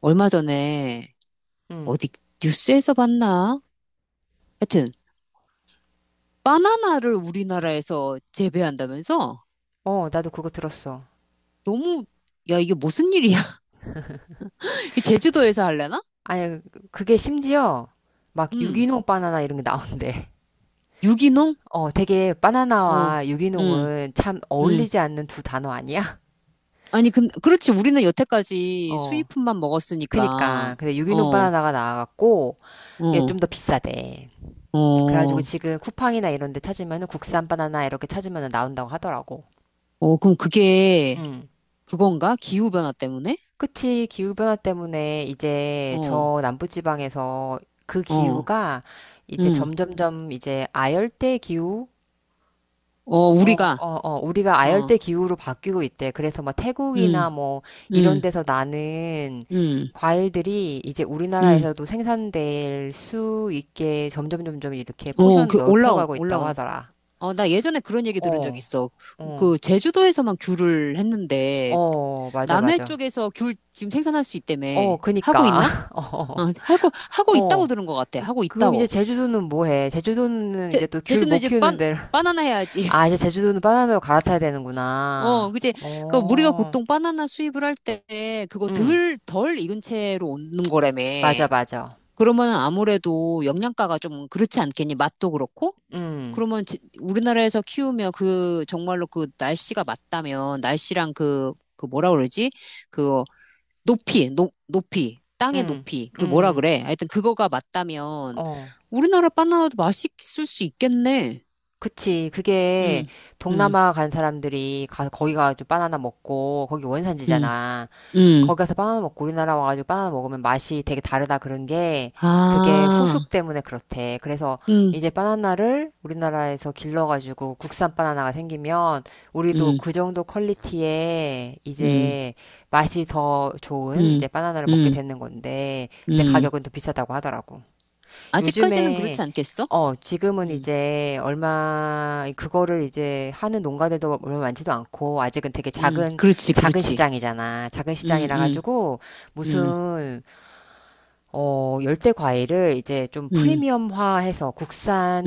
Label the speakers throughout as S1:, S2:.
S1: 얼마 전에
S2: 응.
S1: 어디 뉴스에서 봤나? 하여튼 바나나를 우리나라에서 재배한다면서?
S2: 어, 나도 그거 들었어.
S1: 너무 야, 이게 무슨 일이야? 제주도에서 할래나?
S2: 아니, 그게 심지어 막
S1: 응.
S2: 유기농 바나나 이런 게 나온대.
S1: 유기농?
S2: 어, 되게
S1: 어.
S2: 바나나와
S1: 응.
S2: 유기농은 참
S1: 응.
S2: 어울리지 않는 두 단어 아니야?
S1: 아니 근 그렇지, 우리는 여태까지
S2: 어.
S1: 수입품만
S2: 그니까.
S1: 먹었으니까.
S2: 근데 유기농
S1: 어.
S2: 바나나가 나와갖고 이게 좀
S1: 어.
S2: 더 비싸대. 그래가지고
S1: 어.
S2: 지금 쿠팡이나 이런 데 찾으면은 국산 바나나 이렇게 찾으면은 나온다고 하더라고.
S1: 어 그럼 그게
S2: 응.
S1: 그건가? 기후 변화 때문에?
S2: 그치. 기후변화 때문에 이제
S1: 어.
S2: 저 남부지방에서 그
S1: 어.
S2: 기후가 이제
S1: 응.
S2: 점점점 이제 아열대 기후?
S1: 어
S2: 어,
S1: 우리가.
S2: 어, 어, 우리가
S1: 어.
S2: 아열대 기후로 바뀌고 있대. 그래서 뭐 태국이나
S1: 응.
S2: 뭐 이런
S1: 응.
S2: 데서 나는
S1: 응.
S2: 과일들이 이제
S1: 응.
S2: 우리나라에서도 생산될 수 있게 점점 점점 이렇게
S1: 어,
S2: 포션 넓혀가고 있다고
S1: 올라온.
S2: 하더라.
S1: 어, 나 예전에 그런 얘기 들은 적
S2: 어,
S1: 있어.
S2: 어,
S1: 그 제주도에서만 귤을 했는데
S2: 어, 맞아,
S1: 남해
S2: 맞아.
S1: 쪽에서 귤 지금 생산할 수 있다며.
S2: 어,
S1: 하고
S2: 그니까.
S1: 있나? 어,
S2: 어,
S1: 하고 있다고
S2: 어.
S1: 들은 것 같아. 하고
S2: 그럼 이제
S1: 있다고.
S2: 제주도는 뭐 해? 제주도는 이제 또 귤
S1: 제주는
S2: 못
S1: 이제
S2: 키우는
S1: 빤
S2: 데로.
S1: 바나나 해야지.
S2: 아, 이제 제주도는 바나나로 갈아타야
S1: 어,
S2: 되는구나.
S1: 그치. 그 우리가
S2: 어,
S1: 보통 바나나 수입을 할 때 그거
S2: 응,
S1: 덜 익은 채로 오는 거라며.
S2: 맞아, 맞아.
S1: 그러면 아무래도 영양가가 좀 그렇지 않겠니? 맛도 그렇고.
S2: 응.
S1: 그러면 우리나라에서 키우면 그 정말로 그 날씨가 맞다면 날씨랑 그, 그 뭐라 그러지? 그 높이, 땅의
S2: 응,
S1: 높이. 그걸 뭐라
S2: 응,
S1: 그래? 하여튼 그거가 맞다면
S2: 어.
S1: 우리나라 바나나도 맛있을 수 있겠네.
S2: 그치. 그게
S1: 응, 응,
S2: 동남아 간 사람들이 가, 거기 가가지고 바나나 먹고, 거기
S1: 응,
S2: 원산지잖아.
S1: 응.
S2: 거기 가서 바나나 먹고 우리나라 와가지고 바나나 먹으면 맛이 되게 다르다 그런 게, 그게
S1: 아,
S2: 후숙 때문에 그렇대. 그래서
S1: 응,
S2: 이제 바나나를 우리나라에서 길러가지고 국산 바나나가 생기면, 우리도
S1: 응,
S2: 그 정도 퀄리티에
S1: 응,
S2: 이제 맛이 더 좋은
S1: 응,
S2: 이제 바나나를 먹게
S1: 응,
S2: 되는 건데, 근데
S1: 응.
S2: 가격은 더 비싸다고 하더라고.
S1: 아직까지는 그렇지
S2: 요즘에
S1: 않겠어?
S2: 어, 지금은
S1: 응,
S2: 이제 얼마 그거를 이제 하는 농가들도 얼마 많지도 않고 아직은 되게
S1: 응.
S2: 작은
S1: 그렇지,
S2: 작은
S1: 그렇지.
S2: 시장이잖아. 작은
S1: 응,
S2: 시장이라
S1: 응,
S2: 가지고
S1: 응,
S2: 무슨 어, 열대 과일을 이제 좀
S1: 응,
S2: 프리미엄화해서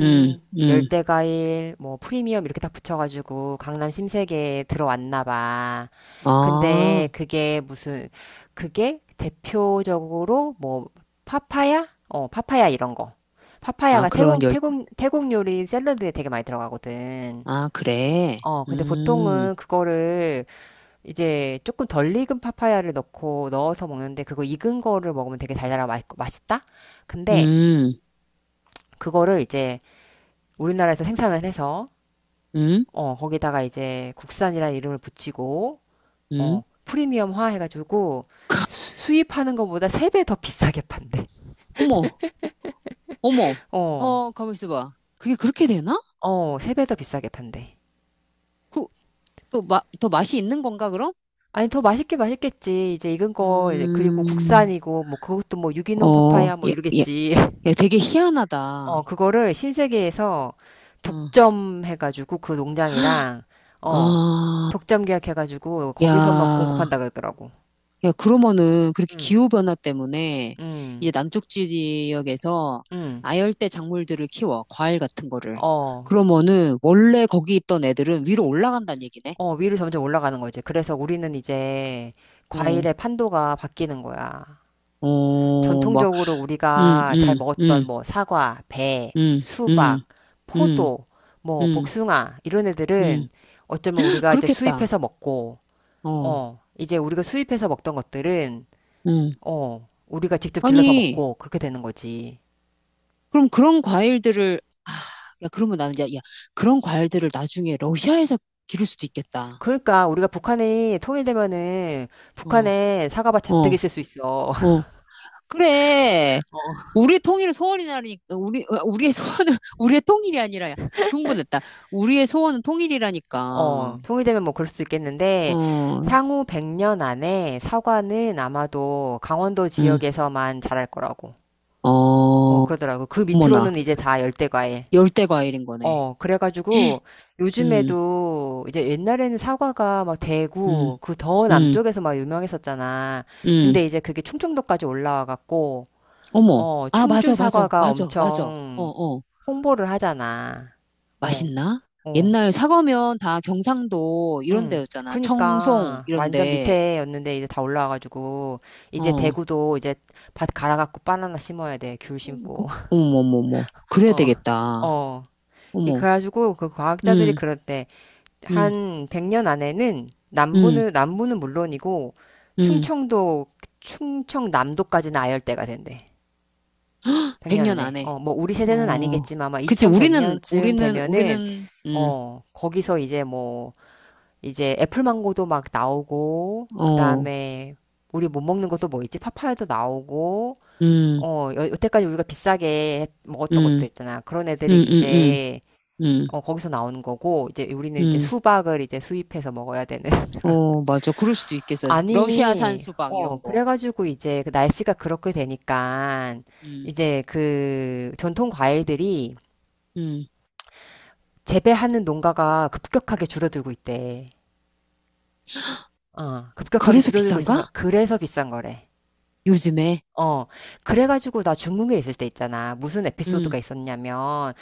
S1: 응, 응.
S2: 열대 과일 뭐 프리미엄 이렇게 다 붙여가지고 강남 신세계에 들어왔나 봐.
S1: 아,
S2: 근데 그게 무슨 그게 대표적으로 뭐 파파야? 어, 파파야 이런 거.
S1: 아,
S2: 파파야가
S1: 그런
S2: 태국
S1: 열,
S2: 태국 태국 요리 샐러드에 되게 많이 들어가거든.
S1: 아, 그래.
S2: 어, 근데
S1: 음,
S2: 보통은 그거를 이제 조금 덜 익은 파파야를 넣고 넣어서 먹는데 그거 익은 거를 먹으면 되게 달달하고 맛있다? 근데
S1: 음,
S2: 그거를 이제 우리나라에서 생산을 해서
S1: 음,
S2: 어, 거기다가 이제 국산이라는 이름을 붙이고
S1: 음.
S2: 어, 프리미엄화 해가지고 수입하는 것보다 3배 더 비싸게 판대.
S1: 어머, 어머.
S2: 어.
S1: 어, 가만 있어봐. 그게 그렇게 되나?
S2: 어, 3배 더 비싸게 판대.
S1: 그, 또 마, 더 맛이 있는 건가, 그럼?
S2: 아니, 더 맛있게 맛있겠지. 이제 익은 거, 이제 그리고
S1: 음,
S2: 국산이고, 뭐, 그것도 뭐, 유기농
S1: 어,
S2: 파파야, 뭐,
S1: 야, 야,
S2: 이러겠지.
S1: 야, 되게 희한하다.
S2: 어, 그거를 신세계에서
S1: 어,
S2: 독점해가지고 그 농장이랑, 어,
S1: 아,
S2: 독점 계약해가지고 거기서만
S1: 야.
S2: 공급한다 그러더라고.
S1: 야, 그러면은 그렇게
S2: 응,
S1: 기후변화 때문에 이제
S2: 응,
S1: 남쪽 지역에서
S2: 응.
S1: 아열대 작물들을 키워, 과일 같은 거를.
S2: 어,
S1: 그러면은 원래 거기 있던 애들은 위로 올라간다는 얘기네.
S2: 어, 위로 점점 올라가는 거지. 그래서 우리는 이제
S1: 어,
S2: 과일의 판도가 바뀌는 거야.
S1: 어, 막,
S2: 전통적으로
S1: 음,
S2: 우리가 잘
S1: 음, 음,
S2: 먹었던 뭐 사과, 배,
S1: 음, 음,
S2: 수박,
S1: 음,
S2: 포도, 뭐
S1: 음,
S2: 복숭아, 이런 애들은
S1: 음.
S2: 어쩌면 우리가 이제
S1: 그렇겠다.
S2: 수입해서 먹고,
S1: 어,
S2: 어, 이제 우리가 수입해서 먹던 것들은
S1: 음.
S2: 어, 우리가 직접 길러서
S1: 아니,
S2: 먹고 그렇게 되는 거지.
S1: 그럼 그런 과일들을, 아, 야, 그러면 나는, 야, 야, 그런 과일들을 나중에 러시아에서 기를 수도 있겠다.
S2: 그러니까 우리가 북한이 통일되면은
S1: 어,
S2: 북한에 사과밭 잔뜩
S1: 어,
S2: 있을 수 있어.
S1: 어. 그래.
S2: 어,
S1: 우리의 통일은 소원이라니까, 우리, 어, 우리의 소원은, 우리의 통일이 아니라, 야, 흥분했다. 우리의 소원은 통일이라니까.
S2: 어, 통일되면 뭐 그럴 수도 있겠는데
S1: 어,
S2: 향후 100년 안에 사과는 아마도 강원도
S1: 응,
S2: 지역에서만 자랄 거라고.
S1: 어,
S2: 어, 그러더라고. 그
S1: 어머나.
S2: 밑으로는 이제 다 열대과일.
S1: 열대 과일인 거네.
S2: 어, 그래가지고
S1: 응,
S2: 요즘에도 이제 옛날에는 사과가 막
S1: 응,
S2: 대구 그 더
S1: 응,
S2: 남쪽에서 막 유명했었잖아.
S1: 응.
S2: 근데 이제 그게 충청도까지 올라와갖고
S1: 어머.
S2: 어,
S1: 아,
S2: 충주
S1: 맞아, 맞아,
S2: 사과가
S1: 맞아, 맞아. 어,
S2: 엄청
S1: 어.
S2: 홍보를 하잖아. 어,
S1: 맛있나?
S2: 어,
S1: 옛날 사과면 다 경상도 이런
S2: 응.
S1: 데였잖아. 청송,
S2: 그니까
S1: 이런
S2: 완전
S1: 데.
S2: 밑에였는데 이제 다 올라와가지고 이제
S1: 어,
S2: 대구도 이제 밭 갈아갖고 바나나 심어야 돼. 귤
S1: 그,
S2: 심고.
S1: 어머, 어머, 어머. 그래야
S2: 어,
S1: 되겠다.
S2: 어. 이
S1: 어머,
S2: 그래가지고 그
S1: 응
S2: 과학자들이 그랬대.
S1: 응
S2: 한 100년 안에는
S1: 음,
S2: 남부는 물론이고
S1: 음,
S2: 충청도 충청남도까지는 아열대가 된대.
S1: 100년
S2: 백년은에.
S1: 안에.
S2: 어, 뭐 우리 세대는
S1: 어,
S2: 아니겠지만 아마
S1: 그치, 우리는,
S2: 2100년쯤
S1: 우리는,
S2: 되면은
S1: 우리는,
S2: 어, 거기서 이제 뭐 이제 애플망고도 막 나오고
S1: 어,
S2: 그다음에 우리 못 먹는 것도 뭐 있지? 파파야도 나오고
S1: 음,
S2: 어, 여, 여태까지 우리가 비싸게 먹었던 것도
S1: 음,
S2: 있잖아. 그런 애들이
S1: 음, 음, 음,
S2: 이제
S1: 음,
S2: 어, 거기서 나오는 거고 이제 우리는 이제
S1: 음,
S2: 수박을 이제 수입해서 먹어야 되는 그런.
S1: 어, 맞아. 그럴 수도 있겠어. 러시아산
S2: 아니,
S1: 수박,
S2: 어,
S1: 이런 거.
S2: 그래가지고 이제 그 날씨가 그렇게 되니까
S1: 음,
S2: 이제 그 전통 과일들이
S1: 음.
S2: 재배하는 농가가 급격하게 줄어들고 있대. 어, 급격하게
S1: 그래서
S2: 줄어들고
S1: 비싼가?
S2: 있어서 그래서 비싼 거래.
S1: 요즘에.
S2: 어, 그래가지고 나 중국에 있을 때 있잖아. 무슨 에피소드가
S1: 음,
S2: 있었냐면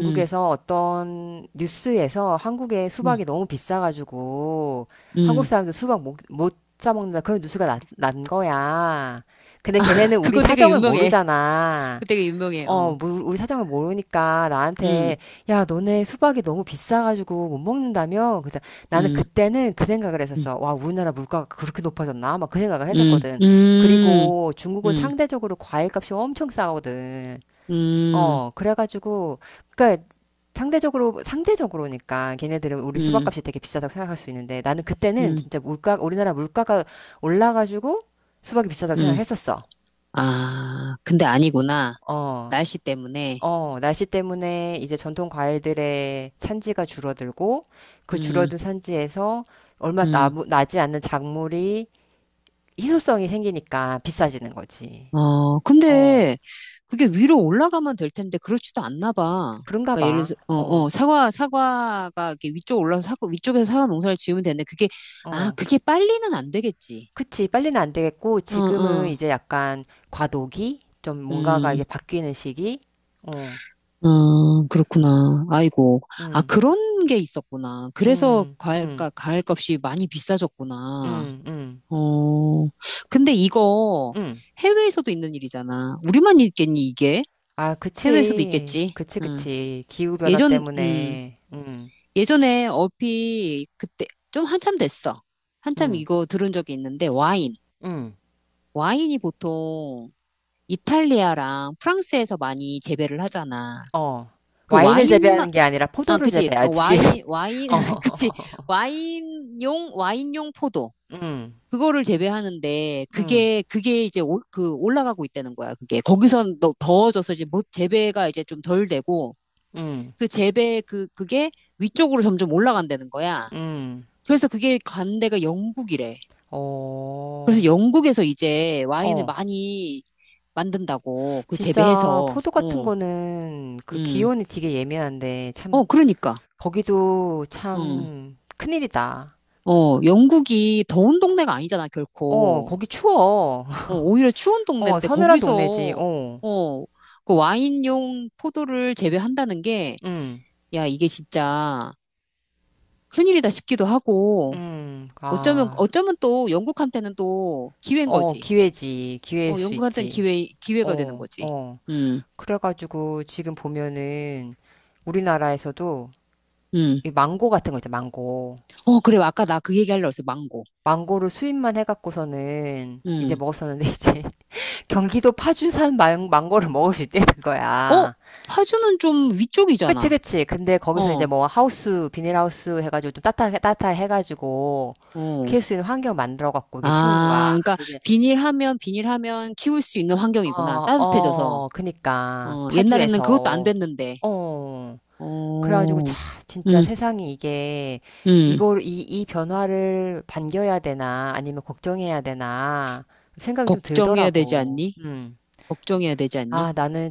S1: 음,
S2: 어떤 뉴스에서 한국의
S1: 음,
S2: 수박이 너무 비싸가지고 한국
S1: 음.
S2: 사람들 수박 못 사먹는다 그런 뉴스가 난 거야. 근데 걔네는 우리
S1: 그거 되게
S2: 사정을
S1: 유명해.
S2: 모르잖아.
S1: 그거 되게 유명해. 어,
S2: 어, 뭐 우리 사정을 모르니까
S1: 음,
S2: 나한테, 야, 너네 수박이 너무 비싸가지고 못 먹는다며? 그래서 나는
S1: 음,
S2: 그때는 그 생각을
S1: 음,
S2: 했었어. 와, 우리나라 물가가 그렇게 높아졌나? 막 그 생각을
S1: 음,
S2: 했었거든.
S1: 음.
S2: 그리고 중국은
S1: 음,
S2: 상대적으로 과일값이 엄청 싸거든.
S1: 음,
S2: 어, 그래가지고, 그니까, 상대적으로, 상대적으로니까, 걔네들은 우리
S1: 음,
S2: 수박값이 되게 비싸다고 생각할 수 있는데, 나는 그때는
S1: 음,
S2: 진짜 물가, 우리나라 물가가 올라가지고 수박이 비싸다고
S1: 음.
S2: 생각했었어.
S1: 아, 근데 아니구나.
S2: 어.
S1: 날씨 때문에.
S2: 어, 날씨 때문에 이제 전통 과일들의 산지가 줄어들고 그
S1: 음,
S2: 줄어든 산지에서 얼마 나
S1: 음.
S2: 나지 않는 작물이 희소성이 생기니까 비싸지는 거지.
S1: 어,
S2: 어,
S1: 근데 그게 위로 올라가면 될 텐데 그렇지도 않나 봐.
S2: 그런가
S1: 그러니까 예를
S2: 봐.
S1: 들어 어, 어,
S2: 어,
S1: 사과가 이렇게 위쪽 올라서 사과 위쪽에서 사과 농사를 지으면 되는데 그게 아,
S2: 어.
S1: 그게 빨리는 안 되겠지.
S2: 그치. 빨리는 안 되겠고
S1: 어,
S2: 지금은
S1: 어.
S2: 이제 약간 과도기? 좀 뭔가가
S1: 음.
S2: 이게 바뀌는 시기? 어,
S1: 어, 그렇구나. 아이고. 아,
S2: 음,
S1: 그런 게 있었구나. 그래서
S2: 음, 음,
S1: 과일값이 많이 비싸졌구나.
S2: 음, 음,
S1: 어, 근데 이거
S2: 음.
S1: 해외에서도 있는 일이잖아. 우리만 있겠니, 이게?
S2: 아,
S1: 해외에서도
S2: 그치.
S1: 있겠지.
S2: 그치,
S1: 음.
S2: 그치. 기후변화
S1: 예전,
S2: 때문에.
S1: 예전에 얼핏 그때 좀 한참 됐어. 한참
S2: 음.
S1: 이거 들은 적이 있는데 와인.
S2: 응.
S1: 와인이 보통 이탈리아랑 프랑스에서 많이 재배를 하잖아.
S2: 어.
S1: 그
S2: 와인을
S1: 와인만
S2: 재배하는 게 아니라
S1: 아,
S2: 포도를
S1: 그치. 어,
S2: 재배하지.
S1: 와인, 그치.
S2: 어.
S1: 와인용 포도.
S2: 음.
S1: 그거를 재배하는데,
S2: 음.
S1: 그게, 그게 이제 올, 그 올라가고 있다는 거야. 그게. 거기선 더, 더워져서 이제 못, 재배가 이제 좀 덜 되고,
S2: 음.
S1: 그 재배 그 그게 위쪽으로 점점 올라간다는 거야.
S2: 음.
S1: 그래서 그게 간대가 영국이래.
S2: 어.
S1: 그래서 영국에서 이제 와인을
S2: 어.
S1: 많이 만든다고 그
S2: 진짜
S1: 재배해서.
S2: 포도 같은
S1: 어,
S2: 거는 그
S1: 음,
S2: 기온이 되게 예민한데 참
S1: 어, 그러니까,
S2: 거기도
S1: 음,
S2: 참 큰일이다.
S1: 어, 영국이 더운 동네가 아니잖아
S2: 어,
S1: 결코.
S2: 거기 추워.
S1: 어, 오히려 추운
S2: 어,
S1: 동네인데
S2: 서늘한 동네지.
S1: 거기서
S2: 어.
S1: 어, 그 와인용 포도를 재배한다는 게
S2: 음.
S1: 야, 이게 진짜 큰일이다 싶기도 하고.
S2: 음.
S1: 어쩌면,
S2: 아.
S1: 어쩌면 또 영국한테는 또 기회인
S2: 어,
S1: 거지.
S2: 기회지. 기회일
S1: 어,
S2: 수
S1: 연구한테는
S2: 있지.
S1: 기회, 기회가 되는
S2: 어.
S1: 거지.
S2: 어.
S1: 음,
S2: 그래가지고 지금 보면은 우리나라에서도
S1: 음.
S2: 이 망고 같은 거 있죠, 망고.
S1: 어, 그래. 아까 나 그 얘기하려고 했어. 망고.
S2: 망고를 수입만 해갖고서는 이제
S1: 음.
S2: 먹었었는데 이제 경기도 파주산 망고를 먹을 수 있다는
S1: 어,
S2: 거야.
S1: 파주는 좀
S2: 그치,
S1: 위쪽이잖아.
S2: 그치. 근데 거기서 이제
S1: 어,
S2: 뭐 하우스, 비닐하우스 해가지고 좀 따뜻하 해가지고
S1: 어.
S2: 키울 수 있는 환경 만들어갖고 이게 키우는
S1: 아,
S2: 거야.
S1: 그러니까
S2: 그래서 이제,
S1: 비닐하면 키울 수 있는 환경이구나.
S2: 어,
S1: 따뜻해져서.
S2: 어, 그니까.
S1: 어, 옛날에는 그것도 안
S2: 파주에서.
S1: 됐는데.
S2: 어. 그래가지고
S1: 어,
S2: 참 진짜
S1: 음,
S2: 세상이 이게
S1: 음.
S2: 이걸 이 변화를 반겨야 되나 아니면 걱정해야 되나 생각이 좀
S1: 걱정해야 되지
S2: 들더라고.
S1: 않니?
S2: 음.
S1: 걱정해야 되지 않니?
S2: 아, 나는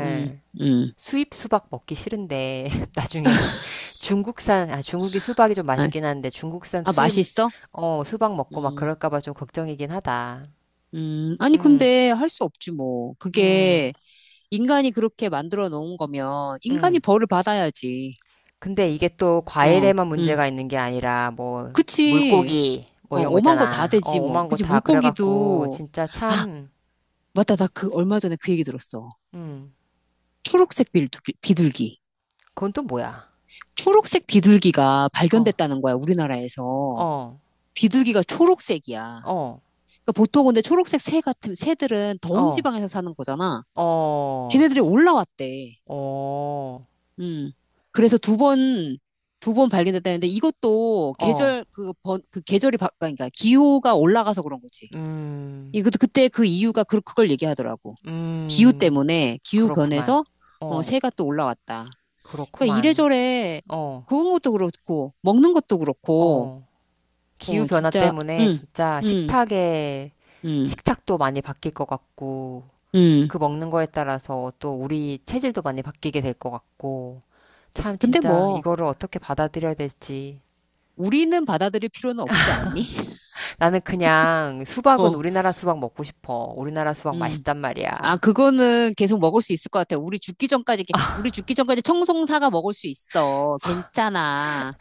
S1: 음, 음.
S2: 수입 수박 먹기 싫은데 나중에 중국산 아 중국이 수박이 좀
S1: 아,
S2: 맛있긴 한데 중국산
S1: 아,
S2: 수입
S1: 맛있어?
S2: 어 수박 먹고 막
S1: 음,
S2: 그럴까 봐 좀 걱정이긴 하다.
S1: 아니,
S2: 음.
S1: 근데 할 수 없지, 뭐.
S2: 음.
S1: 그게 인간이 그렇게 만들어 놓은 거면 인간이
S2: 음.
S1: 벌을 받아야지.
S2: 근데 이게 또
S1: 어,
S2: 과일에만
S1: 응.
S2: 문제가 있는 게 아니라 뭐
S1: 그치.
S2: 물고기 뭐
S1: 어,
S2: 이런 거
S1: 오만 거 다
S2: 있잖아. 어,
S1: 되지 뭐.
S2: 오만 거
S1: 그치.
S2: 다 그래갖고
S1: 물고기도
S2: 진짜
S1: 아,
S2: 참,
S1: 맞다. 나 그 얼마 전에 그 얘기 들었어.
S2: 음,
S1: 초록색 비둘기, 비둘기.
S2: 그건 또 뭐야?
S1: 초록색 비둘기가
S2: 어,
S1: 발견됐다는 거야, 우리나라에서.
S2: 어,
S1: 비둘기가 초록색이야.
S2: 어,
S1: 그러니까 보통 근데 초록색 새 같은 새들은 더운
S2: 어,
S1: 지방에서 사는 거잖아.
S2: 어,
S1: 걔네들이 올라왔대.
S2: 어,
S1: 음. 그래서 두 번 발견됐다는데 이것도
S2: 어,
S1: 계절, 그 번, 그 계절이 바, 그러니까 기후가 올라가서 그런 거지. 이
S2: 음,
S1: 도 그때 그 이유가 그, 그걸 얘기하더라고. 기후
S2: 음,
S1: 때문에, 기후
S2: 그렇구만.
S1: 변해서 어,
S2: 어,
S1: 새가 또 올라왔다. 그러니까
S2: 그렇구만.
S1: 이래저래
S2: 어,
S1: 그런 것도 그렇고, 먹는 것도 그렇고,
S2: 어. 기후
S1: 어,
S2: 변화
S1: 진짜,
S2: 때문에
S1: 응
S2: 진짜
S1: 응
S2: 식탁에
S1: 응
S2: 식탁도 많이 바뀔 것 같고.
S1: 응.
S2: 그 먹는 거에 따라서 또 우리 체질도 많이 바뀌게 될 것 같고, 참
S1: 근데
S2: 진짜
S1: 뭐,
S2: 이거를 어떻게 받아들여야 될지.
S1: 우리는 받아들일 필요는 없지 않니?
S2: 나는 그냥 수박은
S1: 어,
S2: 우리나라 수박 먹고 싶어. 우리나라 수박
S1: 음.
S2: 맛있단
S1: 아,
S2: 말이야.
S1: 그거는 계속 먹을 수 있을 것 같아. 우리 죽기 전까지, 우리 죽기 전까지 청송사가 먹을 수 있어. 괜찮아.